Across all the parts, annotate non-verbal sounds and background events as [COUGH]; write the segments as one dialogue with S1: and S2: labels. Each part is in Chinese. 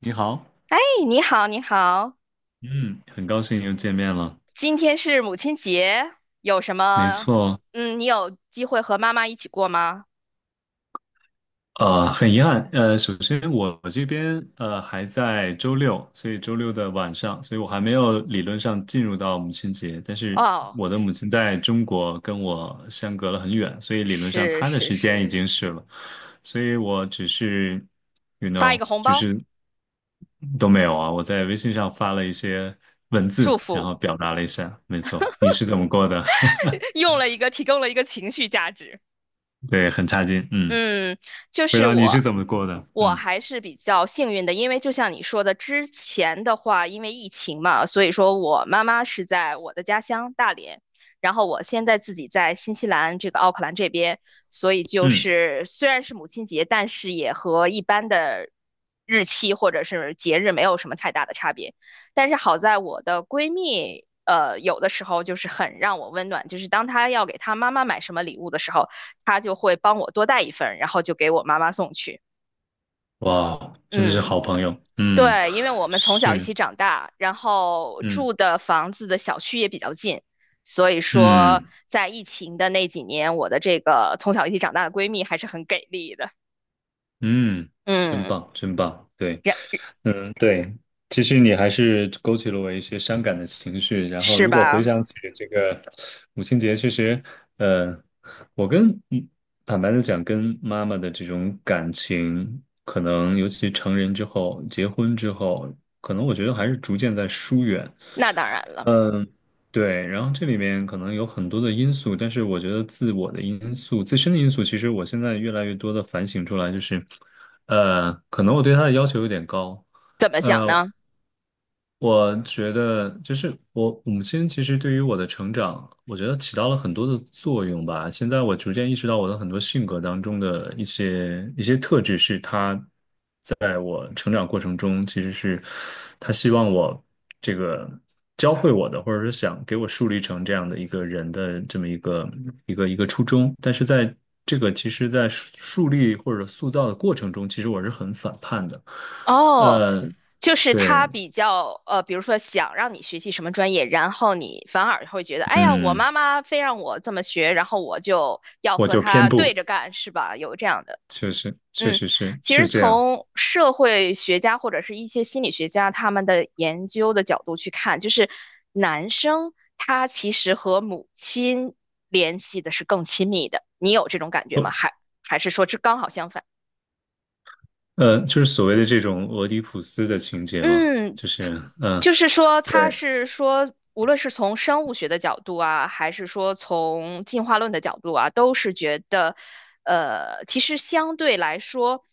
S1: 你好，
S2: 哎你好，你好，
S1: 嗯，很高兴又见面了。
S2: 今天是母亲节，有什
S1: 没
S2: 么？
S1: 错，
S2: 嗯，你有机会和妈妈一起过吗？
S1: 很遗憾，首先我这边还在周六，所以周六的晚上，所以我还没有理论上进入到母亲节，但是
S2: 哦，
S1: 我的母亲在中国跟我相隔了很远，所以理论上
S2: 是
S1: 她的
S2: 是
S1: 时间
S2: 是，
S1: 已经是了，所以我只是，
S2: 发一 个红
S1: 就
S2: 包，
S1: 是都没有啊。我在微信上发了一些文字，
S2: 祝
S1: 然
S2: 福，
S1: 后表达了一下。没错，你是怎么过的？[LAUGHS]
S2: [LAUGHS] 用了一个提供了一个情绪价值。
S1: 对，很差劲。嗯，
S2: 嗯，就
S1: 不知
S2: 是
S1: 道你
S2: 我，
S1: 是怎么过的？
S2: 我
S1: 嗯
S2: 还是比较幸运的，因为就像你说的，之前的话，因为疫情嘛，所以说我妈妈是在我的家乡大连，然后我现在自己在新西兰这个奥克兰这边，所以就
S1: 嗯，
S2: 是虽然是母亲节，但是也和一般的日期或者是节日没有什么太大的差别。但是好在我的闺蜜，有的时候就是很让我温暖，就是当她要给她妈妈买什么礼物的时候。他就会帮我多带一份，然后就给我妈妈送去。
S1: 哇，真的是
S2: 嗯，
S1: 好朋友。嗯，
S2: 对，因为我们从小一
S1: 是，
S2: 起长大，然后
S1: 嗯
S2: 住的房子的小区也比较近，所以说
S1: 嗯。
S2: 在疫情的那几年，我的这个从小一起长大的闺蜜还是很给力的。
S1: 嗯，真
S2: 嗯，
S1: 棒，真棒，对，
S2: 然
S1: 嗯，对，其实你还是勾起了我一些伤感的情绪。然后，
S2: 是
S1: 如果
S2: 吧？
S1: 回想起这个母亲节，确实，呃，我跟坦白的讲，跟妈妈的这种感情，可能尤其成人之后，结婚之后，可能我觉得还是逐渐在疏远。
S2: 那当然了，
S1: 嗯。对，然后这里面可能有很多的因素，但是我觉得自我的因素、自身的因素，其实我现在越来越多的反省出来，就是，可能我对他的要求有点高，
S2: 怎么讲
S1: 呃，
S2: 呢？
S1: 我觉得就是我母亲其实对于我的成长，我觉得起到了很多的作用吧。现在我逐渐意识到，我的很多性格当中的一些特质是他。成长过程中，其实是他希望我这个教会我的，或者是想给我树立成这样的一个人的这么一个初衷。但是在这个其实，在树立或者塑造的过程中，其实我是很反叛的。
S2: 哦，
S1: 呃，
S2: 就是他
S1: 对，
S2: 比较比如说想让你学习什么专业，然后你反而会觉得，哎呀，我
S1: 嗯，
S2: 妈妈非让我这么学，然后我就要
S1: 我
S2: 和
S1: 就偏
S2: 她对
S1: 不，
S2: 着干，是吧？有这样的，
S1: 确实确
S2: 嗯，
S1: 实是
S2: 其实
S1: 是这样。
S2: 从社会学家或者是一些心理学家他们的研究的角度去看，就是男生他其实和母亲联系的是更亲密的，你有这种感觉
S1: 哦，
S2: 吗？还是说这刚好相反？
S1: 就是所谓的这种俄狄浦斯的情节嘛，
S2: 嗯，
S1: 就是嗯、呃
S2: 就是说，他
S1: 对。
S2: 是说，无论是从生物学的角度啊，还是说从进化论的角度啊，都是觉得，其实相对来说，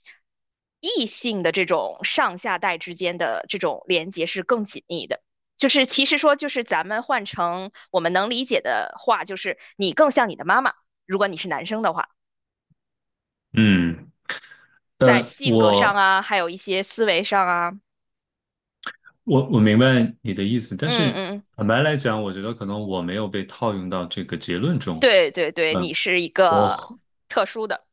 S2: 异性的这种上下代之间的这种连接是更紧密的。就是其实说，就是咱们换成我们能理解的话，就是你更像你的妈妈，如果你是男生的话，
S1: 嗯，
S2: 在
S1: 呃，
S2: 性格上
S1: 我
S2: 啊，还有一些思维上啊，
S1: 我明白你的意思，但
S2: 嗯
S1: 是
S2: 嗯，
S1: 坦白来讲，我觉得可能我没有被套用到这个结论中。
S2: 对对对，
S1: 嗯，
S2: 你是一
S1: 我
S2: 个
S1: 和
S2: 特殊的。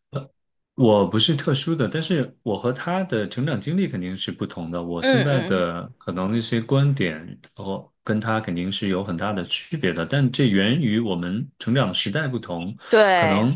S1: 我不是特殊的，但是我和他的成长经历肯定是不同的。我现
S2: 嗯
S1: 在
S2: 嗯，
S1: 的可能那些观点，我跟他肯定是有很大的区别的，但这源于我们成长的时代不同，可
S2: 对，
S1: 能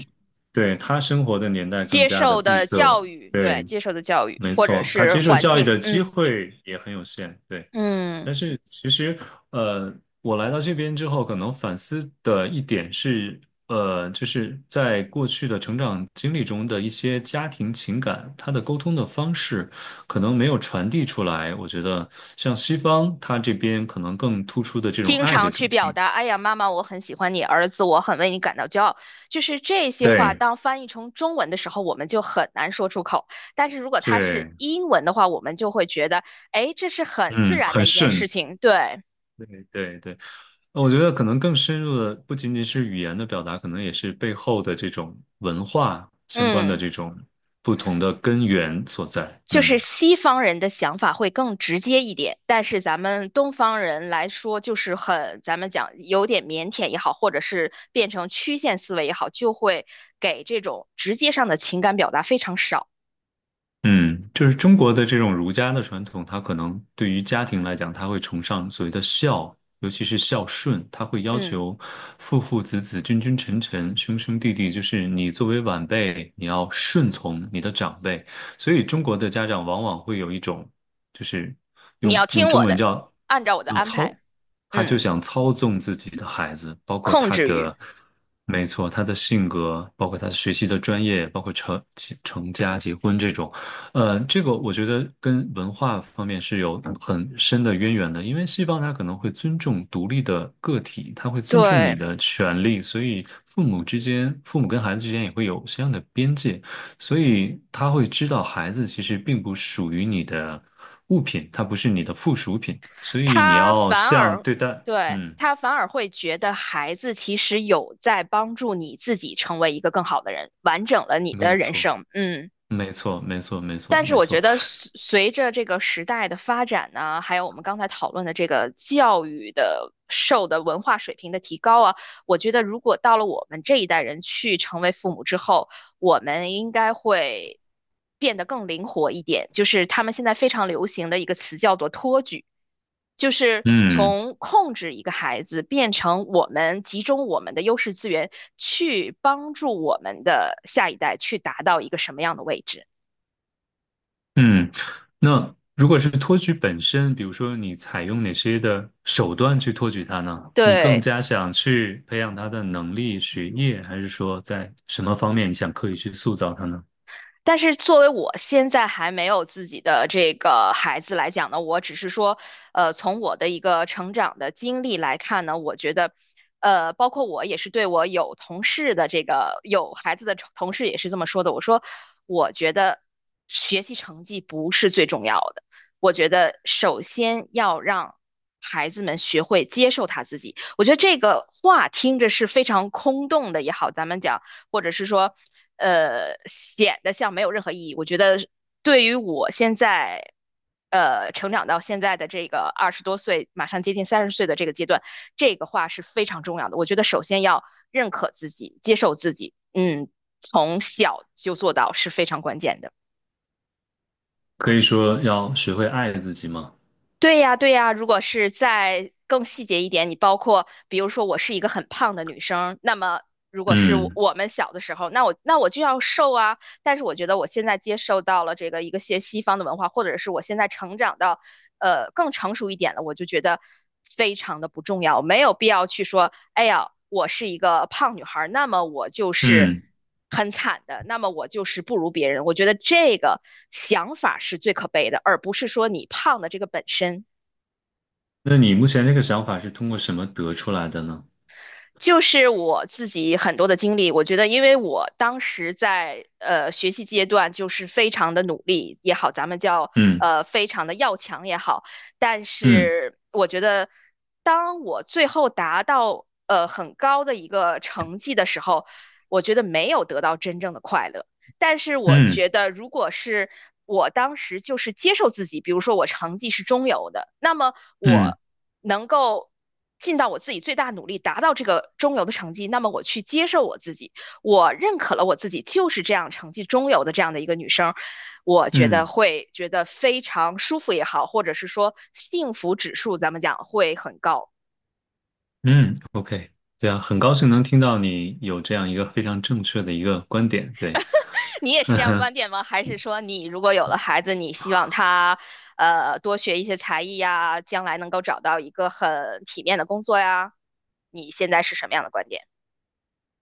S1: 对他生活的年代更加的闭塞。对，
S2: 接受的教育
S1: 没
S2: 或者
S1: 错，他
S2: 是
S1: 接受
S2: 环
S1: 教育
S2: 境，
S1: 的机
S2: 嗯
S1: 会也很有限。对。
S2: 嗯，
S1: 但是其实，呃，我来到这边之后，可能反思的一点是，就是在过去的成长经历中的一些家庭情感，它的沟通的方式可能没有传递出来。我觉得像西方，它这边可能更突出的这种
S2: 经
S1: 爱的
S2: 常
S1: 主
S2: 去
S1: 题。
S2: 表达，哎呀，妈妈，我很喜欢你，儿子，我很为你感到骄傲，就是这些话，
S1: 对
S2: 当翻译成中文的时候，我们就很难说出口。但是如果它是
S1: 对，
S2: 英文的话，我们就会觉得，哎，这是很自
S1: 嗯，
S2: 然
S1: 很
S2: 的一件事
S1: 顺。
S2: 情，对，
S1: 对对对，我觉得可能更深入的不仅仅是语言的表达，可能也是背后的这种文化相关的
S2: 嗯。
S1: 这种不同的根源所在。
S2: 就是
S1: 嗯。
S2: 西方人的想法会更直接一点，但是咱们东方人来说，就是很，咱们讲有点腼腆也好，或者是变成曲线思维也好，就会给这种直接上的情感表达非常少。
S1: 嗯，就是中国的这种儒家的传统，它可能对于家庭来讲，它会崇尚所谓的孝，尤其是孝顺，它会要
S2: 嗯，
S1: 求父父子子、君君臣臣、兄兄弟弟，就是你作为晚辈，你要顺从你的长辈。所以中国的家长往往会有一种，就是
S2: 你
S1: 用
S2: 要
S1: 用
S2: 听
S1: 中
S2: 我
S1: 文
S2: 的，
S1: 叫
S2: 按照我的
S1: 要
S2: 安排，
S1: 操，他就
S2: 嗯，
S1: 想操纵自己的孩子，包括
S2: 控
S1: 他
S2: 制欲，
S1: 的，没错，他的性格，包括他学习的专业，包括成家、结婚这种。这个我觉得跟文化方面是有很深的渊源的，因为西方它可能会尊重独立的个体，它会尊重你
S2: 对，
S1: 的权利，所以父母之间，父母跟孩子之间也会有相应的边界，所以他会知道孩子其实并不属于你的物品，它不是你的附属品，所以你
S2: 他
S1: 要
S2: 反
S1: 像
S2: 而，
S1: 对待，
S2: 对，
S1: 嗯，
S2: 他反而会觉得孩子其实有在帮助你自己成为一个更好的人，完整了你
S1: 没
S2: 的人
S1: 错，
S2: 生。嗯。
S1: 没错，没错，没错，
S2: 但是
S1: 没
S2: 我觉
S1: 错，
S2: 得随着这个时代的发展呢，还有我们刚才讨论的这个教育的受的文化水平的提高啊，我觉得如果到了我们这一代人去成为父母之后，我们应该会变得更灵活一点。就是他们现在非常流行的一个词叫做托举，就是
S1: 嗯。
S2: 从控制一个孩子变成我们集中我们的优势资源去帮助我们的下一代去达到一个什么样的位置。
S1: 嗯，那如果是托举本身，比如说你采用哪些的手段去托举他呢？你更
S2: 对，
S1: 加想去培养他的能力、学业，还是说在什么方面你想刻意去塑造他呢？
S2: 但是作为我现在还没有自己的这个孩子来讲呢，我只是说，从我的一个成长的经历来看呢，我觉得，包括我也是对我有同事的这个有孩子的同事也是这么说的。我说，我觉得学习成绩不是最重要的，我觉得首先要让孩子们学会接受他自己。我觉得这个话听着是非常空洞的也好，咱们讲。或者是说，显得像没有任何意义。我觉得对于我现在，成长到现在的这个二十多岁，马上接近三十岁的这个阶段，这个话是非常重要的。我觉得首先要认可自己，接受自己，嗯，从小就做到是非常关键的。
S1: 可以说要学会爱自己吗？
S2: 对呀，对呀，如果是再更细节一点，你包括比如说我是一个很胖的女生，那么如果是我
S1: 嗯
S2: 我们小的时候，那我就要瘦啊。但是我觉得我现在接受到了这个一个些西方的文化，或者是我现在成长到更成熟一点了，我就觉得非常的不重要，没有必要去说，哎呀，我是一个胖女孩那么我就是
S1: 嗯，
S2: 很惨的，那么我就是不如别人。我觉得这个想法是最可悲的，而不是说你胖的这个本身。
S1: 那你目前这个想法是通过什么得出来的呢？
S2: 就是我自己很多的经历，我觉得，因为我当时在学习阶段，就是非常的努力也好，咱们叫
S1: 嗯
S2: 非常的要强也好，但
S1: 嗯
S2: 是我觉得，当我最后达到很高的一个成绩的时候，我觉得没有得到真正的快乐。但是我
S1: 嗯
S2: 觉得，如果是我当时就是接受自己，比如说我成绩是中游的，那么
S1: 嗯
S2: 我能够尽到我自己最大努力达到这个中游的成绩，那么我去接受我自己，我认可了我自己就是这样成绩中游的这样的一个女生，我觉得
S1: 嗯
S2: 会觉得非常舒服也好，或者是说幸福指数咱们讲会很高。
S1: 嗯，OK,对啊，很高兴能听到你有这样一个非常正确的一个观点，对。
S2: 你也是这样观点吗？还是说你如果有了孩子，你希望他多学一些才艺呀，将来能够找到一个很体面的工作呀？你现在是什么样的观点？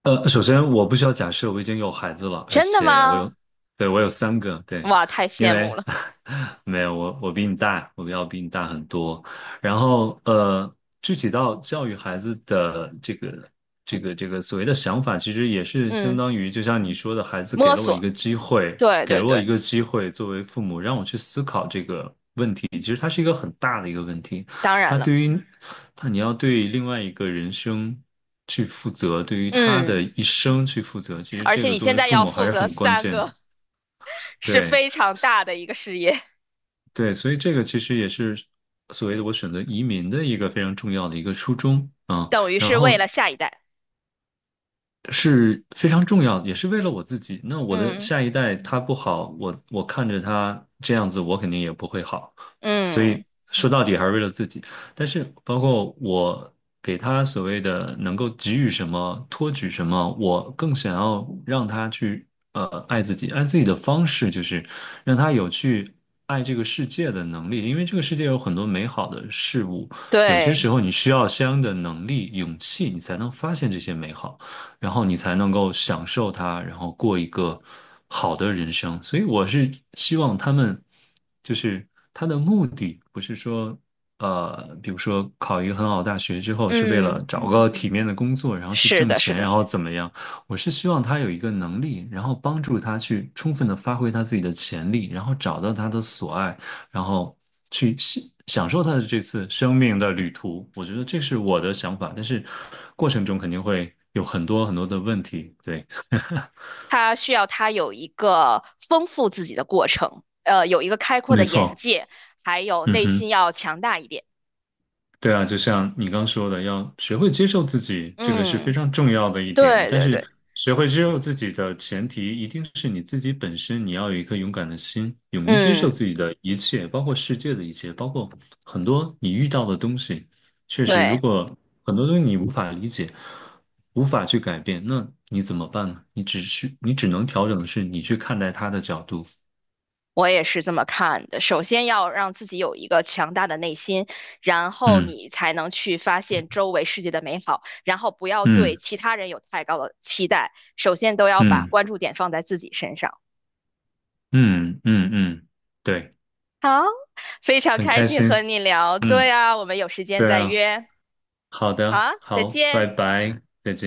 S1: 首先我不需要假设我已经有孩子了，而
S2: 真的
S1: 且我
S2: 吗？
S1: 有，对，我有三个，对，
S2: 哇，太
S1: [LAUGHS] 因
S2: 羡
S1: 为
S2: 慕了。
S1: [LAUGHS] 没有我，我比你大，我要比你大很多。然后具体到教育孩子的这个所谓的想法，其实也是相
S2: 嗯，
S1: 当于就像你说的，孩子给
S2: 摸
S1: 了我一
S2: 索，
S1: 个机会，
S2: 对
S1: 给
S2: 对
S1: 了我
S2: 对，
S1: 一个机会，作为父母让我去思考这个问题，其实它是一个很大的一个问题。
S2: 当然
S1: 他
S2: 了。
S1: 对于他，你要对另外一个人生去负责，对于他的
S2: 嗯，
S1: 一生去负责，其实
S2: 而
S1: 这
S2: 且
S1: 个
S2: 你
S1: 作
S2: 现
S1: 为
S2: 在
S1: 父
S2: 要
S1: 母还
S2: 负
S1: 是
S2: 责
S1: 很关
S2: 三
S1: 键的。
S2: 个，是
S1: 对
S2: 非常大的一个事业，
S1: 对，所以这个其实也是所谓的我选择移民的一个非常重要的一个初衷啊。
S2: 等于
S1: 然
S2: 是为了
S1: 后
S2: 下一代。
S1: 是非常重要的，也是为了我自己。那我的
S2: 嗯
S1: 下一代他不好，我看着他这样子，我肯定也不会好。所
S2: 嗯，
S1: 以说到底还是为了自己。但是包括我给他所谓的能够给予什么、托举什么，我更想要让他去爱自己。爱自己的方式就是让他有去爱这个世界的能力，因为这个世界有很多美好的事物，有些时
S2: 对，
S1: 候你需要相应的能力、勇气，你才能发现这些美好。然后你才能够享受它，然后过一个好的人生。所以我是希望他们，就是他的目的不是说，比如说考一个很好的大学之后是为
S2: 嗯，
S1: 了找个体面的工作，然后去
S2: 是
S1: 挣
S2: 的，是
S1: 钱，
S2: 的。
S1: 然后怎么样？我是希望他有一个能力，然后帮助他去充分的发挥他自己的潜力，然后找到他的所爱。然后去享受他的这次生命的旅途。我觉得这是我的想法，但是过程中肯定会有很多很多的问题。对，[LAUGHS]
S2: 他需要他有一个丰富自己的过程，有一个开阔
S1: 没
S2: 的眼
S1: 错，
S2: 界，还有
S1: 嗯
S2: 内心
S1: 哼。
S2: 要强大一点。
S1: 对啊，就像你刚说的，要学会接受自己，这个是非
S2: 嗯，
S1: 常重要的一点。
S2: 对
S1: 但
S2: 对
S1: 是，
S2: 对，
S1: 学会接受自己的前提，一定是你自己本身，你要有一颗勇敢的心，勇于接受
S2: 嗯，
S1: 自己的一切，包括世界的一切，包括很多你遇到的东西。确实，
S2: 对，
S1: 如果很多东西你无法理解，无法去改变，那你怎么办呢？你只是，你只能调整的是你去看待他的角度。
S2: 我也是这么看的。首先要让自己有一个强大的内心，然后你才能去发现周围世界的美好，然后不要对
S1: 嗯
S2: 其他人有太高的期待，首先都要把
S1: 嗯
S2: 关注点放在自己身上。
S1: 嗯嗯嗯嗯嗯，对，
S2: 好，非常
S1: 很
S2: 开
S1: 开
S2: 心和
S1: 心。
S2: 你聊。对
S1: 嗯。
S2: 啊，我们有时间
S1: 对
S2: 再
S1: 啊，
S2: 约。
S1: 好
S2: 好
S1: 的，
S2: 啊，再
S1: 好，拜
S2: 见。
S1: 拜。